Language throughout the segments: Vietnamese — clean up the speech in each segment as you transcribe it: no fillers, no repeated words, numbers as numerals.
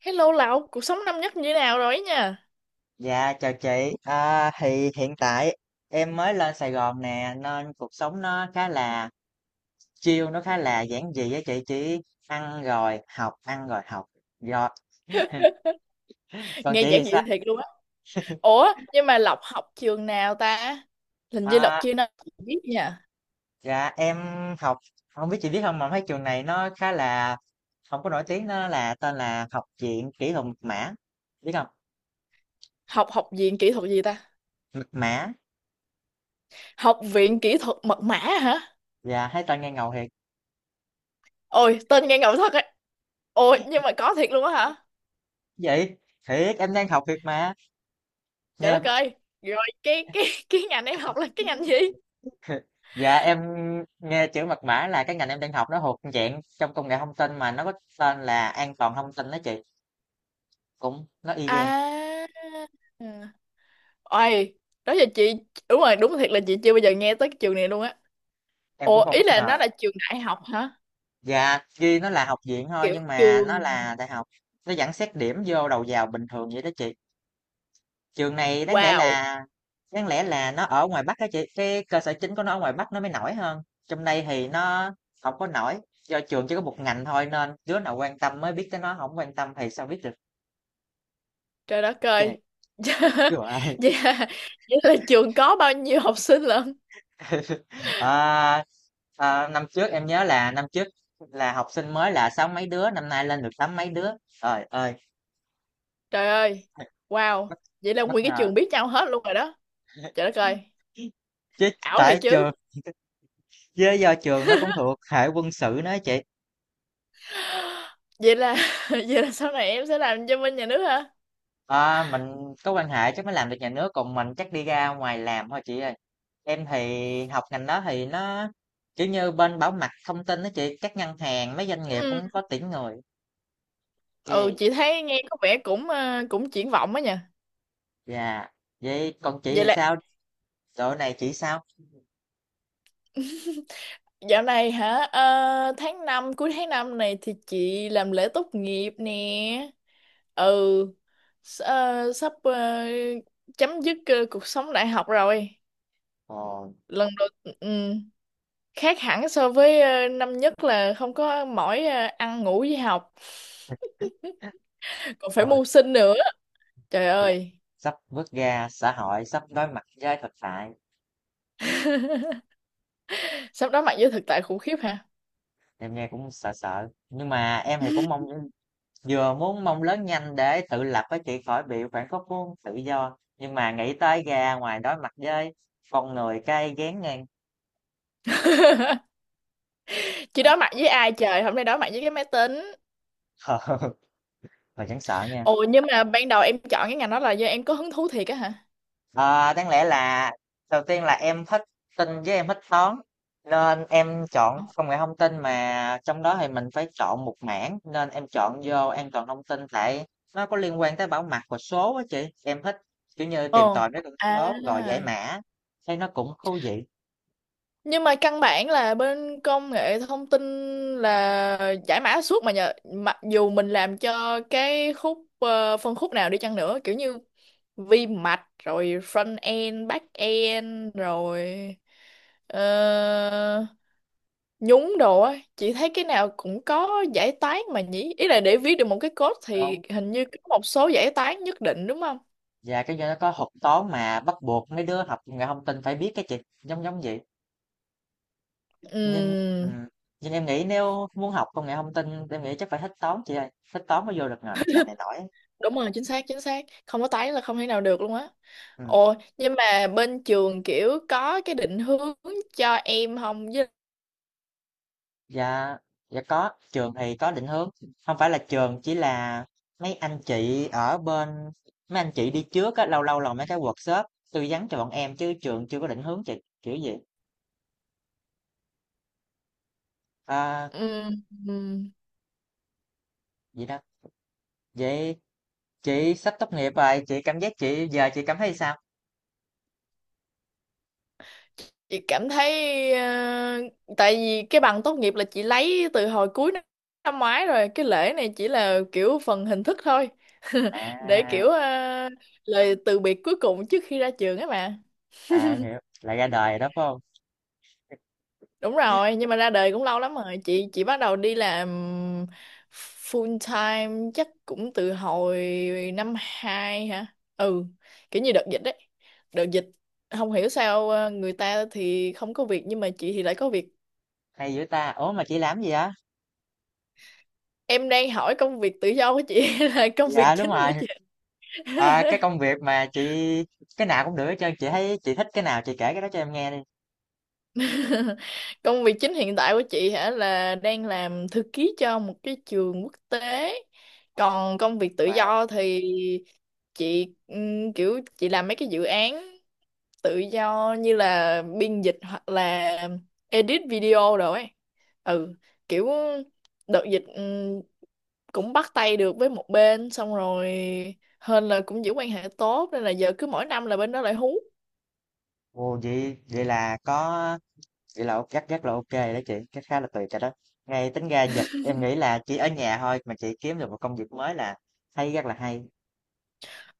Hello Lộc, cuộc sống năm nhất như thế nào rồi ấy nha? Dạ chào chị, à, thì hiện tại em mới lên Sài Gòn nè nên cuộc sống nó khá là chill, nó khá là giản dị á chị, chỉ ăn rồi học, ăn rồi học. Rồi. Còn Nghe chị thì giản dị sao? thiệt luôn á. Ủa, nhưng mà Lộc học trường nào ta? Hình như Lộc À, chưa nói biết nha. dạ em học, không biết chị biết không mà mấy trường này nó khá là không có nổi tiếng, nó là tên là Học viện Kỹ thuật Mật mã, biết không? Học học viện kỹ thuật gì ta? Mật mã, Học viện kỹ thuật mật mã hả? dạ thấy tên nghe ngầu thiệt. Ôi, tên nghe ngầu thật ấy. Ôi, nhưng mà có thiệt luôn á hả? Vậy, thiệt em đang học thiệt mà, Trời nghe đất ơi. Rồi cái ngành em học là cái ngành gì? Dạ, em nghe chữ mật mã là cái ngành em đang học, nó thuộc dạng trong công nghệ thông tin mà nó có tên là an toàn thông tin đó chị, cũng nó y gan. À. Ừ. Ôi, đó giờ chị đúng rồi, đúng thiệt là chị chưa bao giờ nghe tới cái trường này luôn á. Em cũng Ủa, không ý bất là nó ngờ. là trường đại học hả? Dạ, ghi nó là học viện thôi Kiểu nhưng mà trường. nó là đại học, nó vẫn xét điểm vô đầu vào bình thường vậy đó chị. Trường này đáng lẽ Wow. là đáng lẽ là nó ở ngoài Bắc đó chị, cái cơ sở chính của nó ở ngoài Bắc, nó mới nổi hơn trong đây thì nó không có nổi. Do trường chỉ có một ngành thôi nên đứa nào quan tâm mới biết tới, nó không quan tâm thì sao biết được Trời đất chứ, ơi. chưa ai. Vậy là, vậy là trường có bao nhiêu học sinh lận? Ờ, ờ, năm trước em nhớ là năm trước là học sinh mới là sáu mấy đứa, năm nay lên được tám mấy đứa. Trời ơi, Trời ơi. Wow. bất, Vậy là bất nguyên cái ngờ. trường biết nhau hết luôn rồi đó. Trời đất ơi. Chứ Ảo tại thiệt chứ. trường, chứ do trường nó cũng thuộc hệ quân sự nữa chị. Vậy là vậy là sau này em sẽ làm cho bên nhà nước hả? Ờ, mình có quan hệ chắc mới làm được nhà nước, còn mình chắc đi ra ngoài làm thôi chị ơi. Em thì học ngành đó thì nó kiểu như bên bảo mật thông tin đó chị, các ngân hàng, mấy doanh nghiệp Ừ. cũng có tuyển người. Ừ, Chị. chị thấy nghe có vẻ cũng cũng triển vọng á nha. Dạ. Vậy còn chị Vậy thì là sao? Dạo này chị sao? dạo này hả? Ờ, tháng 5 cuối tháng 5 này thì chị làm lễ tốt nghiệp nè. Ừ. Sắp chấm dứt cuộc sống đại học rồi. Ồ, Lần đầu ừm, khác hẳn so với năm nhất là không có mỏi ăn ngủ với học còn phải ờ, mưu sinh nữa. Trời dạ. ơi. Sắp bước ra xã hội, sắp đối mặt với thực tại. Sắp đối mặt với thực tại khủng khiếp hả? Em nghe cũng sợ sợ. Nhưng mà em thì cũng mong vừa muốn mong lớn nhanh để tự lập với chị khỏi bị khoảng khúc của tự do. Nhưng mà nghĩ tới ra ngoài đối mặt với con người cay ghén ngang. Chị Ờ, đối mặt với ai trời, hôm nay đối mặt với cái máy tính. mà chẳng sợ nha. Ồ, nhưng mà ban đầu em chọn cái ngành đó là do em có hứng thú thiệt á hả? Ờ, đáng lẽ là đầu tiên là em thích tin với em thích toán nên em chọn công nghệ thông tin mà trong đó thì mình phải chọn một mảng nên em chọn vô an toàn thông tin tại nó có liên quan tới bảo mật và số á chị, em thích kiểu như Ồ. tìm tòi mấy con À. số rồi giải mã thấy nó cũng thú vị. Nhưng mà căn bản là bên công nghệ thông tin là giải mã suốt mà nhờ, mặc dù mình làm cho phân khúc nào đi chăng nữa, kiểu như vi mạch rồi front end back end rồi ờ, nhúng đồ á, chị thấy cái nào cũng có giải toán mà nhỉ, ý là để viết được một cái code thì Đúng. hình như có một số giải toán nhất định đúng không? Và cái do nó có học toán mà bắt buộc mấy đứa học công nghệ thông tin phải biết cái chị, giống giống vậy. nhưng ừ, Ừm, nhưng em nghĩ nếu muốn học công nghệ thông tin em nghĩ chắc phải thích toán chị ơi, thích toán mới vô được ngành ngành này nổi. đúng rồi, chính xác, chính xác, không có tái là không thể nào được luôn á. Ừm, Ồ, nhưng mà bên trường kiểu có cái định hướng cho em không với? dạ dạ có, trường thì có định hướng. Không phải là trường, chỉ là mấy anh chị ở bên mấy anh chị đi trước á, lâu lâu là mấy cái workshop tư vấn cho bọn em, chứ trường chưa có định hướng chị, kiểu gì. Ờ, Ừm. Ừm. vậy đó. Vậy chị sắp tốt nghiệp rồi, chị giờ chị cảm thấy sao? Chị cảm thấy tại vì cái bằng tốt nghiệp là chị lấy từ hồi cuối năm năm ngoái rồi, cái lễ này chỉ là kiểu phần hình thức thôi. Để À, kiểu lời từ biệt cuối cùng trước khi ra trường ấy mà. à, em hiểu, là ra đời rồi đó, phải hông? Đúng rồi, nhưng mà ra đời cũng lâu lắm rồi. Chị bắt đầu đi làm full time chắc cũng từ hồi năm 2 hả? Ừ, kiểu như đợt dịch đấy. Đợt dịch không hiểu sao người ta thì không có việc nhưng mà chị thì lại có việc. Hay dữ ta! Ủa, mà chị làm gì vậy? Em đang hỏi công việc tự do của chị hay là công việc Dạ, đúng chính của rồi, chị? ờ, cái công việc mà chị cái nào cũng được hết trơn, chị thấy chị thích cái nào chị kể cái đó cho em nghe đi. Công việc chính hiện tại của chị hả là đang làm thư ký cho một cái trường quốc tế. Còn công việc tự Wow! do thì chị kiểu chị làm mấy cái dự án tự do như là biên dịch hoặc là edit video rồi ấy. Ừ, kiểu đợt dịch cũng bắt tay được với một bên xong rồi, hên là cũng giữ quan hệ tốt nên là giờ cứ mỗi năm là bên đó lại hú. Ồ, vậy vậy là có, vậy là ok- chắc chắc là ok đó chị, cái khá là tuyệt rồi đó. Ngay tính ra dịch em nghĩ là chỉ ở nhà thôi mà chị kiếm được một công việc mới là hay, rất là hay.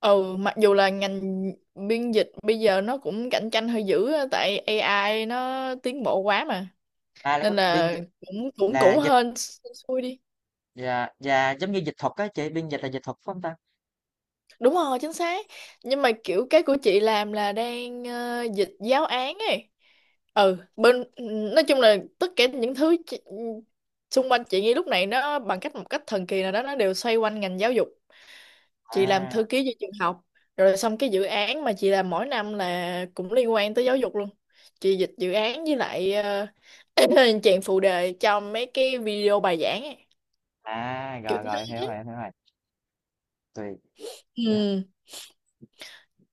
Ừ, mặc dù là ngành biên dịch bây giờ nó cũng cạnh tranh hơi dữ á, tại AI nó tiến bộ quá mà, À, là có nên biên là dịch cũng cũng là cũng hên xui đi. Là giống như dịch thuật á chị, biên dịch là dịch thuật phải không ta? Đúng rồi, chính xác. Nhưng mà kiểu cái của chị làm là đang dịch giáo án ấy. Ừ, bên nói chung là tất cả những thứ xung quanh chị ngay lúc này nó bằng cách một cách thần kỳ nào đó nó đều xoay quanh ngành giáo dục. Chị làm thư à ký cho trường học rồi xong cái dự án mà chị làm mỗi năm là cũng liên quan tới giáo dục luôn. Chị dịch dự án với lại chèn phụ đề cho mấy cái video bài giảng ấy. à Kiểu rồi thế. rồi, hiểu rồi em hiểu rồi. Tùy. Dạ, Ừ.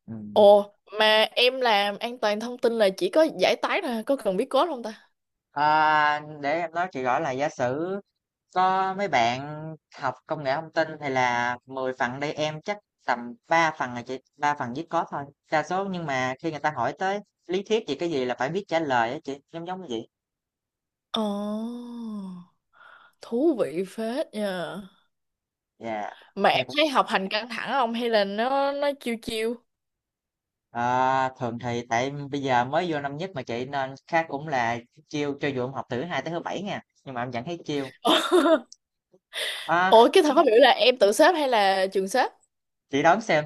ừ. Ồ, mà em làm an toàn thông tin là chỉ có giải tán thôi, có cần biết code không ta? À, để em nói chị rõ là giả sử có mấy bạn học công nghệ thông tin thì là 10 phần đây, em chắc tầm 3 phần là chị, 3 phần viết code thôi đa số, nhưng mà khi người ta hỏi tới lý thuyết gì cái gì là phải biết trả lời á chị, giống giống như vậy. Ồ, thú vị phết nha. Dạ, Mà nghe em cũng thấy học hành căng thẳng không hay là nó chiêu chiêu? à, thường thì tại bây giờ mới vô năm nhất mà chị nên khác cũng là chiêu. Cho dù em học từ thứ 2 tới thứ 7 nha nhưng mà em vẫn thấy chiêu. À, Ủa, cái thật không hiểu là em tự xếp hay là trường xếp? chị đoán xem.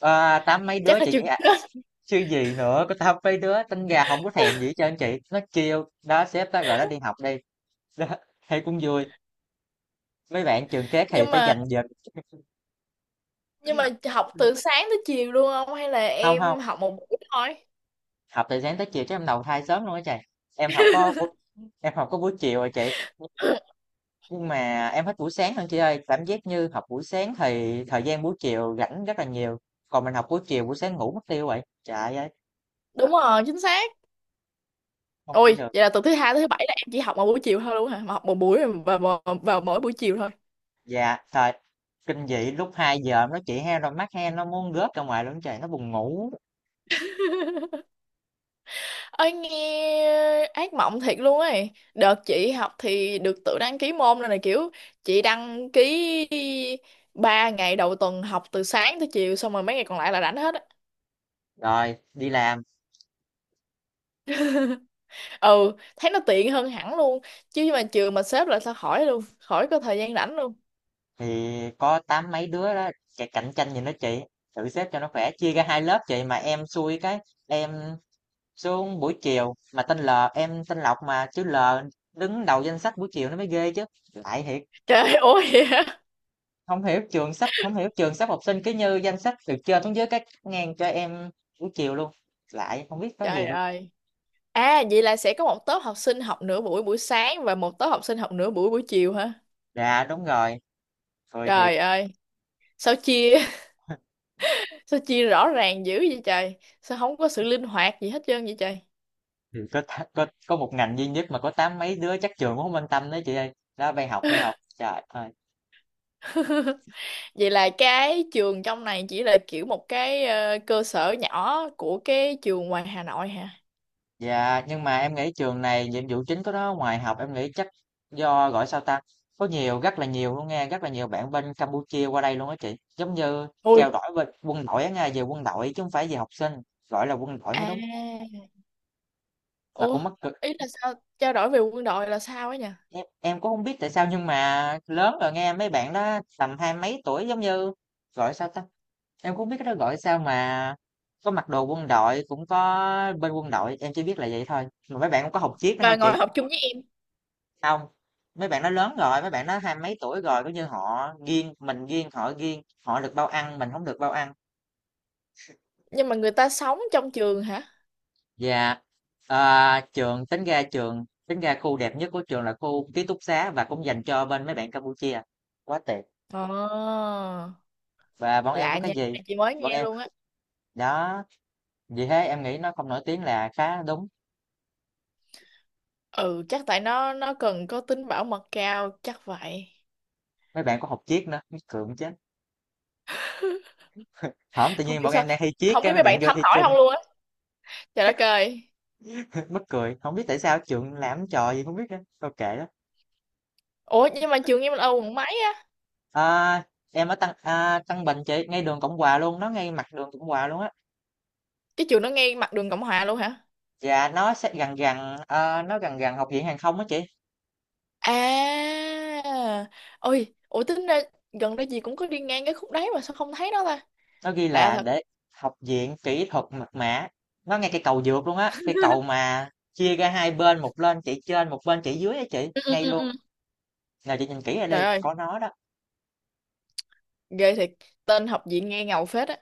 À, tám mấy đứa Chắc là chị trường nghĩ xếp. chứ gì nữa, có tao mấy đứa tính gà không có thèm gì hết trơn chị, nó kêu đó sếp đó gọi nó đi học đi. Đó, thấy cũng vui, mấy bạn trường khác thì nhưng phải mà dành giờ. nhưng mà học từ sáng tới chiều luôn không hay là Không không, em học một buổi thôi? học từ sáng tới chiều chứ em đầu thai sớm luôn á chị, em học có buổi- em học có buổi chiều rồi chị. Nhưng mà em thích buổi sáng hơn chị ơi, cảm giác như học buổi sáng thì thời gian buổi chiều rảnh rất là nhiều, còn mình học buổi chiều buổi sáng ngủ mất tiêu vậy trời ơi, Đúng rồi, chính xác. không thể Ôi, được. vậy là từ thứ hai tới thứ bảy là em chỉ học một buổi chiều thôi luôn hả, mà học một buổi và vào mỗi buổi chiều thôi? Dạ, thời kinh dị lúc 2 giờ nó chị heo rồi, mắt heo nó muốn rớt ra ngoài luôn trời, nó buồn ngủ. Ơi, nghe ác mộng thiệt luôn ấy. Đợt chị học thì được tự đăng ký môn rồi này, kiểu chị đăng ký 3 ngày đầu tuần học từ sáng tới chiều xong rồi mấy ngày còn lại là rảnh hết á. Rồi, đi làm Ừ, thấy nó tiện hơn hẳn luôn. Chứ mà trường mà xếp lại sao khỏi luôn, khỏi có thời gian rảnh luôn. thì có tám mấy đứa đó chạy cạnh tranh gì nữa chị. Thử xếp cho nó khỏe, chia ra hai lớp chị mà em xui, cái em xuống buổi chiều, mà tên L, em tên Lộc mà chứ L đứng đầu danh sách buổi chiều nó mới ghê chứ. Lại thiệt, Trời ơi. Không hiểu trường sắp học sinh cứ như danh sách từ trên xuống dưới cái ngang cho em buổi chiều luôn. Lại không biết có gì Trời luôn. ơi. À, vậy là sẽ có một tốp học sinh học nửa buổi buổi sáng và một tốp học sinh học nửa buổi buổi chiều hả? Dạ đúng rồi, rồi thiệt. Trời ơi. Sao chia sao chia rõ ràng dữ vậy trời? Sao không có sự linh hoạt gì hết trơn vậy trời? Thì có, có một ngành duy nhất mà có tám mấy đứa chắc trường cũng không quan tâm đấy chị ơi. Đó bay học bay học. Trời ơi. Vậy là cái trường trong này chỉ là kiểu một cái cơ sở nhỏ của cái trường ngoài Hà Nội hả? Dạ, nhưng mà em nghĩ trường này nhiệm vụ chính của nó ngoài học em nghĩ chắc do gọi sao ta, có nhiều rất là nhiều luôn, nghe rất là nhiều bạn bên Campuchia qua đây luôn á chị, giống như trao Ui. đổi với quân đội á, nghe về quân đội chứ không phải về học sinh, gọi là quân đội mới À. đúng, mà Ủa, cũng mắc cực. ý là sao trao đổi về quân đội là sao ấy nhỉ? Em cũng không biết tại sao, nhưng mà lớn rồi nghe mấy bạn đó tầm hai mấy tuổi giống như gọi sao ta, em cũng không biết cái đó gọi sao mà có mặc đồ quân đội cũng có, bên quân đội em chỉ biết là vậy thôi, mà mấy bạn cũng có học chiếc đó nghe Và chị. ngồi học chung với em. Hông, mấy bạn nó lớn rồi, mấy bạn nó hai mấy tuổi rồi, kiểu như, họ kiêng, mình kiêng, họ được bao ăn, mình không được bao ăn. Nhưng mà người ta sống trong trường hả? Và, trường tính ra khu đẹp nhất của trường là khu ký túc xá và cũng dành cho bên mấy bạn Campuchia, quá tuyệt. Ờ. Và bọn em có Lạ cái nha, cái gì này chị mới bọn nghe em luôn á. đó, vì thế em nghĩ nó không nổi tiếng là khá đúng. Ừ, chắc tại nó cần có tính bảo mật cao chắc vậy. Mấy bạn có học Triết nữa, mắc cười muốn chết. Hổng, tự Không nhiên biết bọn sao, em đang thi Triết không cái biết mấy mấy bạn bạn vô thấm thi hỏi chung, không luôn á. Trời đất chắc ơi. mắc cười, không biết tại sao trường làm trò gì không biết nữa, thôi kệ đó. Ủa, nhưng mà trường em là ở quận mấy á? À, em ở Tân Bình chị, ngay đường Cộng Hòa luôn, nó ngay mặt đường Cộng Hòa luôn á. Cái trường nó ngay mặt đường Cộng Hòa luôn hả? Dạ, nó gần gần học viện hàng không á chị. À. Ôi, ủa tính ra gần đây gì cũng có đi ngang cái khúc đấy mà sao không thấy nó ta? Nó ghi Lạ là thật. để học viện kỹ thuật mật mã, nó ngay cái cầu vượt luôn á, cái cầu mà chia ra hai bên, một bên chị trên một bên chị dưới á chị, Ừ, ừ, ngay ừ, luôn ừ. nào chị nhìn kỹ ra Trời đi ơi. có nó đó. Ghê thiệt. Tên học viện nghe ngầu phết á.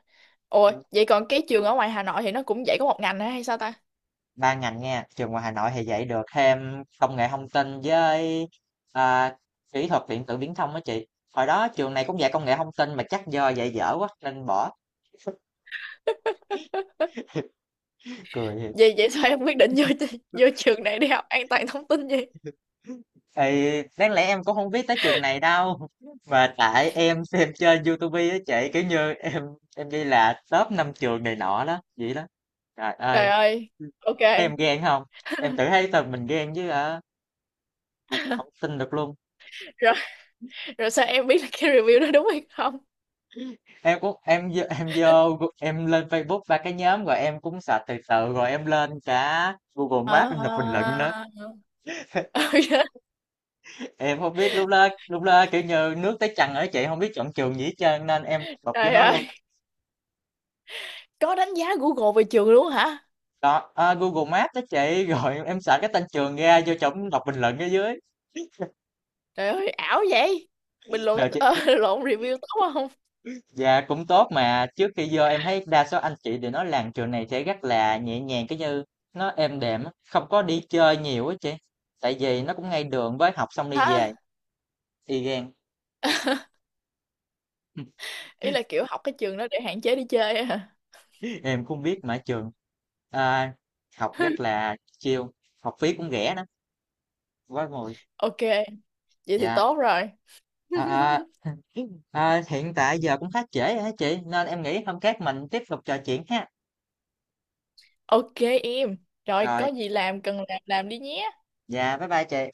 Ủa, Ừ. vậy còn cái trường ở ngoài Hà Nội thì nó cũng dạy có một ngành hả hay sao ta? Ba ngành nha, trường ngoài Hà Nội thì dạy được thêm công nghệ thông tin với à, kỹ thuật điện tử viễn thông đó chị. Hồi đó trường này cũng dạy công nghệ thông tin mà chắc do dạy dở quá nên bỏ, cười thiệt. Vậy vậy sao em quyết định vô vô trường này đi học an toàn thông tin vậy? Thì đáng lẽ em cũng không biết tới trường này đâu, mà tại em xem trên YouTube á chị, kiểu như em ghi là top 5 trường này nọ đó vậy đó. Trời Trời ơi, ơi. Ok. thấy em ghen không, em tự thấy tụi mình ghen chứ hả, không tin được luôn. Rồi, rồi, sao em biết là cái review đó đúng hay không? Em cũng em lên Facebook ba cái nhóm, rồi em cũng search từ từ rồi em lên cả Google Maps em đọc bình luận À, nữa. ok. Em không biết lúc đó kiểu như nước tới chân ở chị, không biết chọn trường gì hết trơn nên em bập vô Trời nó ơi, luôn. có đánh giá Google về trường luôn hả? Đó à, Google Maps đó chị, rồi em search cái tên trường ra vô trong đọc bình luận ở dưới. Trời ơi, ảo vậy. Bình Rồi luận chị, lộn, review tốt không dạ cũng tốt mà trước khi vô em thấy đa số anh chị đều nói làm trường này sẽ rất là nhẹ nhàng cái như nó êm đềm á, không có đi chơi nhiều á chị, tại vì nó cũng ngay đường với học xong đi về hả? y gan. Ý là kiểu học cái trường đó để hạn chế đi chơi á hả? Em cũng biết mà trường à, học rất là chill, học phí cũng rẻ lắm, quá ngồi. Ok, vậy thì Dạ. tốt rồi. À, Hiện tại giờ cũng khá trễ rồi hả chị, nên em nghĩ hôm khác mình tiếp tục trò chuyện ha. Ok em, rồi có Rồi, gì làm cần làm đi nhé. dạ bye bye chị.